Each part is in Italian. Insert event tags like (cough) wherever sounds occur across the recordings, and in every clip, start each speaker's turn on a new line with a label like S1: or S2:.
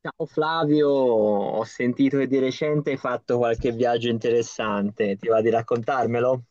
S1: Ciao Flavio, ho sentito che di recente hai fatto qualche viaggio interessante, ti va di raccontarmelo?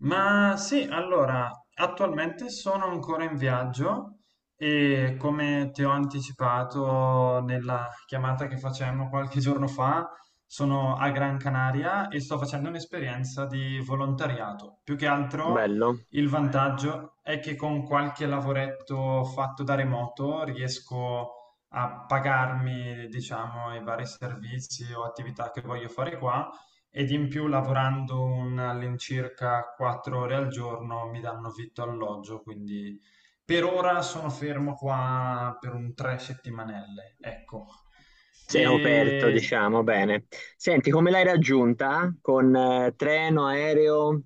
S2: Ma sì, allora, attualmente sono ancora in viaggio e come ti ho anticipato nella chiamata che facemmo qualche giorno fa, sono a Gran Canaria e sto facendo un'esperienza di volontariato. Più che altro
S1: Bello,
S2: il vantaggio è che con qualche lavoretto fatto da remoto riesco a pagarmi, diciamo, i vari servizi o attività che voglio fare qua ed in più lavorando all'incirca quattro ore al giorno mi danno vitto e alloggio, quindi per ora sono fermo qua per un tre settimanelle, ecco.
S1: sei coperto,
S2: E
S1: diciamo, bene. Senti, come l'hai raggiunta? Con treno, aereo?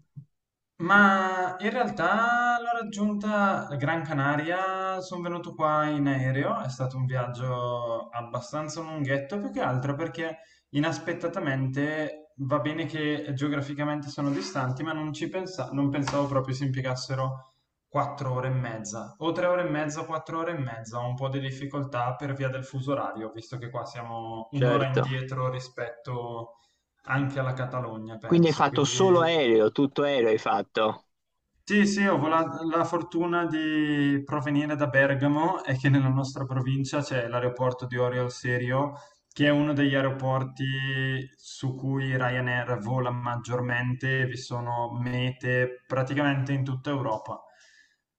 S2: ma in realtà l'ho raggiunta a Gran Canaria, sono venuto qua in aereo, è stato un viaggio abbastanza lunghetto, più che altro perché inaspettatamente va bene che geograficamente sono distanti, ma non pensavo proprio si impiegassero quattro ore e mezza, o tre ore e mezza, quattro ore e mezza, ho un po' di difficoltà per via del fuso orario, visto che qua siamo un'ora
S1: Certo.
S2: indietro rispetto anche alla Catalogna,
S1: Quindi hai
S2: penso,
S1: fatto solo
S2: quindi...
S1: aereo, tutto aereo hai fatto?
S2: Sì, sì, la fortuna di provenire da Bergamo e che nella nostra provincia c'è l'aeroporto di Orio al Serio che è uno degli aeroporti su cui Ryanair vola maggiormente, vi sono mete praticamente in tutta Europa.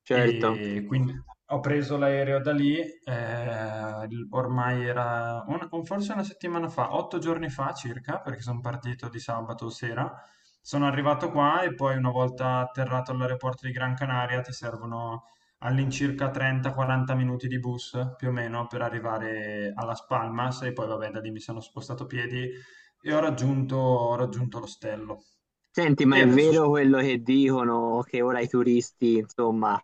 S1: Certo.
S2: E quindi ho preso l'aereo da lì, ormai era forse una settimana fa, otto giorni fa circa, perché sono partito di sabato sera. Sono arrivato qua e poi una volta atterrato all'aeroporto di Gran Canaria ti servono all'incirca 30-40 minuti di bus più o meno per arrivare a Las Palmas e poi vabbè da lì mi sono spostato a piedi e ho raggiunto l'ostello.
S1: Senti, ma
S2: E
S1: è
S2: adesso...
S1: vero quello che dicono che ora i turisti, insomma,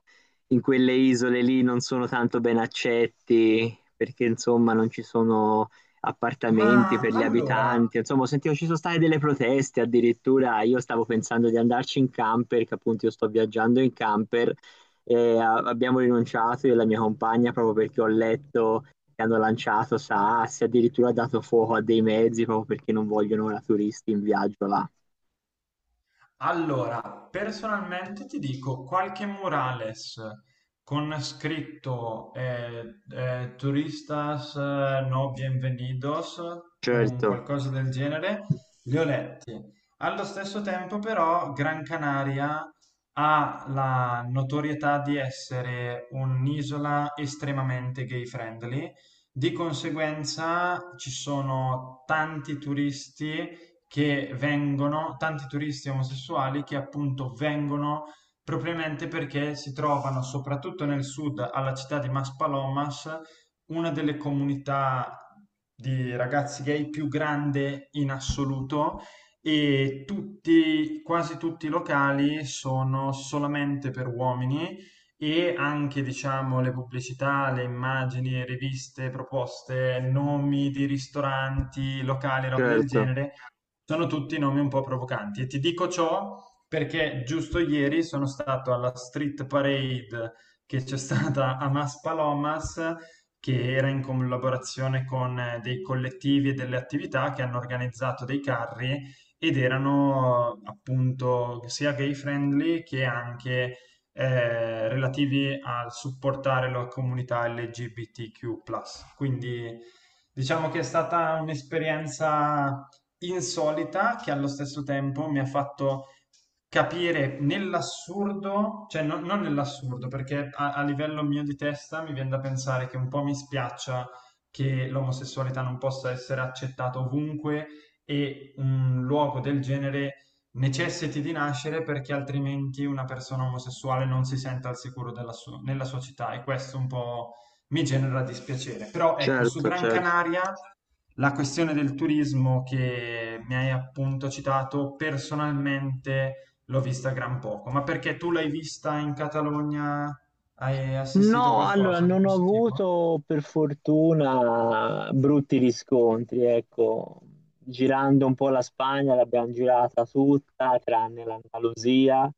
S1: in quelle isole lì non sono tanto ben accetti perché, insomma, non ci sono appartamenti
S2: Ma
S1: per gli
S2: allora,
S1: abitanti. Insomma, ho sentito ci sono state delle proteste addirittura. Io stavo pensando di andarci in camper, che appunto io sto viaggiando in camper e abbiamo rinunciato io e la mia compagna proprio perché ho letto che hanno lanciato sassi, addirittura dato fuoco a dei mezzi proprio perché non vogliono ora turisti in viaggio là.
S2: allora, personalmente ti dico qualche murales con scritto Turistas no bienvenidos, un
S1: Certo.
S2: qualcosa del genere, li ho letti. Allo stesso tempo, però, Gran Canaria ha la notorietà di essere un'isola estremamente gay friendly, di conseguenza ci sono tanti turisti che vengono, tanti turisti omosessuali che appunto vengono propriamente perché si trovano soprattutto nel sud, alla città di Maspalomas, una delle comunità di ragazzi gay più grande in assoluto e tutti, quasi tutti i locali sono solamente per uomini e anche diciamo le pubblicità, le immagini, riviste, proposte, nomi di ristoranti, locali, roba del
S1: Certo,
S2: genere sono tutti nomi un po' provocanti e ti dico ciò perché giusto ieri sono stato alla street parade che c'è stata a Maspalomas, che era in collaborazione con dei collettivi e delle attività che hanno organizzato dei carri ed erano appunto sia gay friendly che anche relativi al supportare la comunità LGBTQ+. Quindi diciamo che è stata un'esperienza insolita che allo stesso tempo mi ha fatto capire nell'assurdo, cioè non nell'assurdo, perché a livello mio di testa mi viene da pensare che un po' mi spiaccia che l'omosessualità non possa essere accettata ovunque e un luogo del genere necessiti di nascere perché altrimenti una persona omosessuale non si senta al sicuro nella sua città e questo un po' mi genera dispiacere. Però ecco, su
S1: certo,
S2: Gran
S1: certo.
S2: Canaria la questione del turismo che mi hai appunto citato, personalmente l'ho vista gran poco, ma perché tu l'hai vista in Catalogna? Hai assistito
S1: No, allora
S2: qualcosa di
S1: non ho
S2: questo tipo?
S1: avuto per fortuna brutti riscontri, ecco, girando un po' la Spagna l'abbiamo girata tutta, tranne l'Andalusia,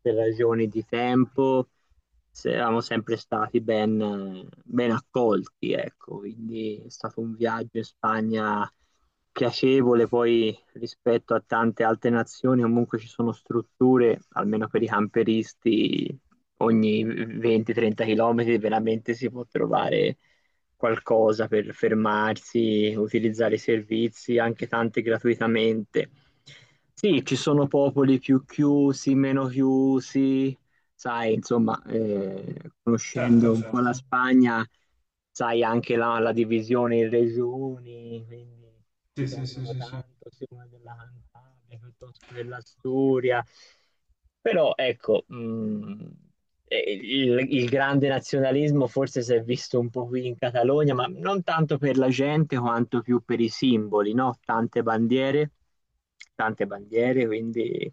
S1: per ragioni di tempo. Eravamo sempre stati ben, ben accolti, ecco, quindi è stato un viaggio in Spagna piacevole, poi rispetto a tante altre nazioni comunque ci sono strutture, almeno per i camperisti, ogni 20-30 km veramente si può trovare qualcosa per fermarsi, utilizzare i servizi, anche tanti gratuitamente. Sì, ci sono popoli più chiusi, meno chiusi, sai, insomma, conoscendo
S2: Certo,
S1: un po'
S2: certo.
S1: la Spagna, sai anche la divisione in regioni, quindi ti
S2: Sì, sì, sì,
S1: tengono
S2: sì, sì.
S1: tanto sia una della Cantabria piuttosto che dell'Asturia. Però ecco, il grande nazionalismo forse si è visto un po' qui in Catalogna, ma non tanto per la gente quanto più per i simboli, no? Tante bandiere, quindi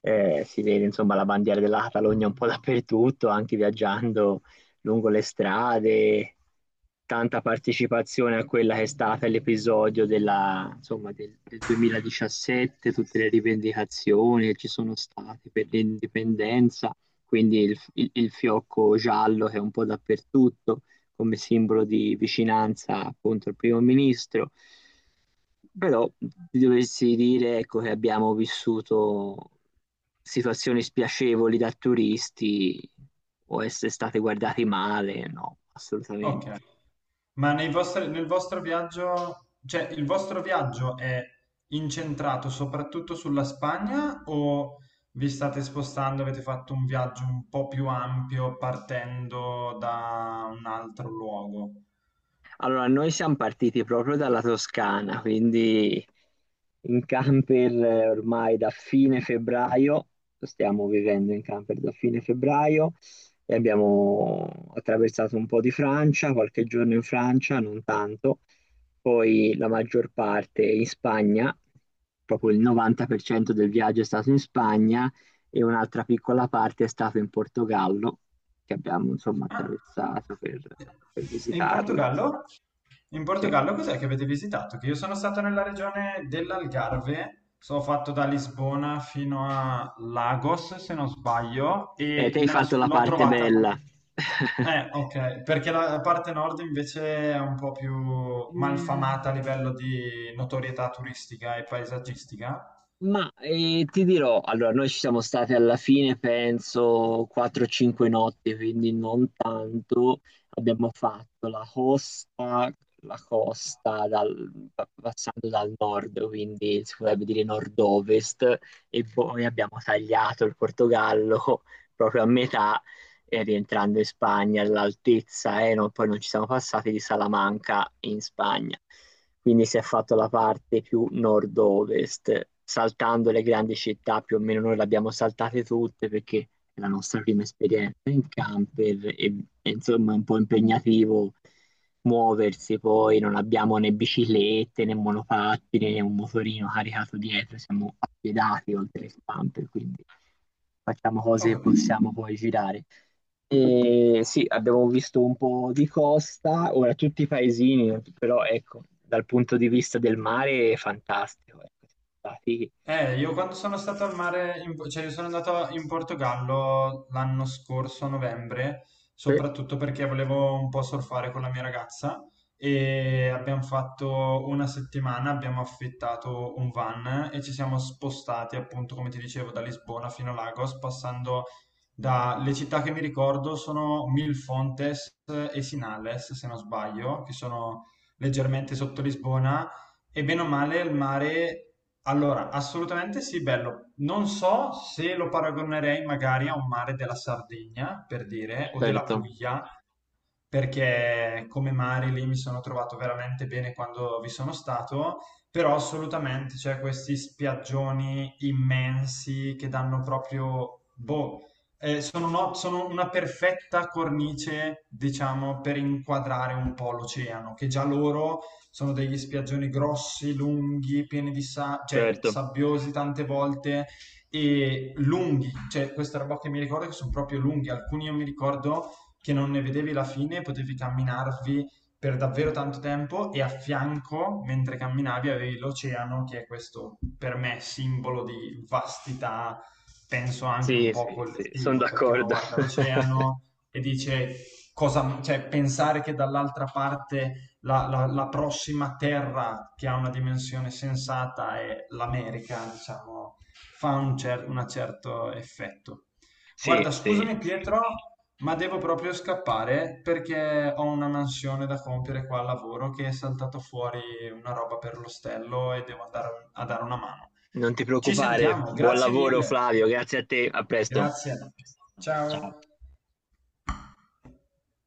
S1: si vede insomma la bandiera della Catalogna un po' dappertutto, anche viaggiando lungo le strade, tanta partecipazione a quella che è stata l'episodio della, insomma, del 2017, tutte le rivendicazioni che ci sono state per l'indipendenza, quindi il fiocco giallo che è un po' dappertutto come simbolo di vicinanza appunto al primo ministro. Però ti dovessi dire, ecco, che abbiamo vissuto situazioni spiacevoli da turisti o essere stati guardati male, no,
S2: Ok.
S1: assolutamente.
S2: Ma nel vostro viaggio, cioè il vostro viaggio è incentrato soprattutto sulla Spagna o vi state spostando, avete fatto un viaggio un po' più ampio partendo da un altro luogo?
S1: Allora, noi siamo partiti proprio dalla Toscana, quindi in camper ormai da fine febbraio, stiamo vivendo in camper da fine febbraio e abbiamo attraversato un po' di Francia, qualche giorno in Francia, non tanto, poi la maggior parte in Spagna, proprio il 90% del viaggio è stato in Spagna e un'altra piccola parte è stata in Portogallo, che abbiamo insomma
S2: Ah,
S1: attraversato per
S2: e in
S1: visitarlo.
S2: Portogallo? In
S1: Sì.
S2: Portogallo cos'è che avete visitato? Che io sono stato nella regione dell'Algarve, sono fatto da Lisbona fino a Lagos, se non sbaglio, e
S1: Te hai fatto la
S2: l'ho
S1: parte
S2: trovata.
S1: bella. (laughs)
S2: Ok, perché la parte nord invece è un po' più malfamata a
S1: Mm.
S2: livello di notorietà turistica e paesaggistica.
S1: Ma ti dirò, allora noi ci siamo stati alla fine, penso, 4-5 notti, quindi non tanto. Abbiamo fatto la costa passando dal nord, quindi si potrebbe dire nord-ovest, e poi abbiamo tagliato il Portogallo (laughs) proprio a metà, e rientrando in Spagna all'altezza, poi non ci siamo passati di Salamanca in Spagna, quindi si è fatto la parte più nord-ovest, saltando le grandi città, più o meno noi le abbiamo saltate tutte perché è la nostra prima esperienza in camper e insomma è un po' impegnativo muoversi, poi non abbiamo né biciclette né monopattini né un motorino caricato dietro, siamo appiedati oltre il camper, quindi facciamo cose
S2: Ho
S1: che
S2: capito.
S1: possiamo poi girare. E sì, abbiamo visto un po' di costa, ora tutti i paesini, però ecco, dal punto di vista del mare è fantastico. Ecco,
S2: Io quando sono stato al mare, cioè io sono andato in Portogallo l'anno scorso, a novembre,
S1: sì,
S2: soprattutto perché volevo un po' surfare con la mia ragazza e abbiamo fatto una settimana, abbiamo affittato un van e ci siamo spostati appunto, come ti dicevo, da Lisbona fino a Lagos, passando dalle città che mi ricordo sono Milfontes e Sinales, se non sbaglio, che sono leggermente sotto Lisbona. E bene o male il mare allora, assolutamente sì, bello. Non so se lo paragonerei magari a un mare della Sardegna, per dire, o della
S1: certo,
S2: Puglia, perché come Mari lì mi sono trovato veramente bene quando vi sono stato, però assolutamente c'è questi spiaggioni immensi che danno proprio, boh, sono una perfetta cornice, diciamo, per inquadrare un po' l'oceano, che già loro sono degli spiaggioni grossi, lunghi, cioè
S1: certo.
S2: sabbiosi tante volte e lunghi, cioè questa roba che mi ricordo che sono proprio lunghi, alcuni io mi ricordo che non ne vedevi la fine, potevi camminarvi per davvero tanto tempo e a fianco, mentre camminavi, avevi l'oceano, che è questo per me simbolo di vastità, penso anche un
S1: Sì,
S2: po'
S1: sì, sì, sono
S2: collettivo, perché uno
S1: d'accordo.
S2: guarda
S1: (laughs)
S2: l'oceano e dice cosa, cioè pensare che dall'altra parte la prossima terra che ha una dimensione sensata è l'America, diciamo, fa un certo effetto.
S1: Sì,
S2: Guarda,
S1: sì,
S2: scusami Pietro, ma devo proprio scappare perché ho una mansione da compiere qua al lavoro che è saltato fuori una roba per l'ostello e devo andare a dare una mano.
S1: non ti
S2: Ci
S1: preoccupare.
S2: sentiamo,
S1: Buon
S2: grazie
S1: lavoro,
S2: mille.
S1: Flavio, grazie a te, a presto.
S2: Grazie.
S1: Ciao.
S2: Ciao.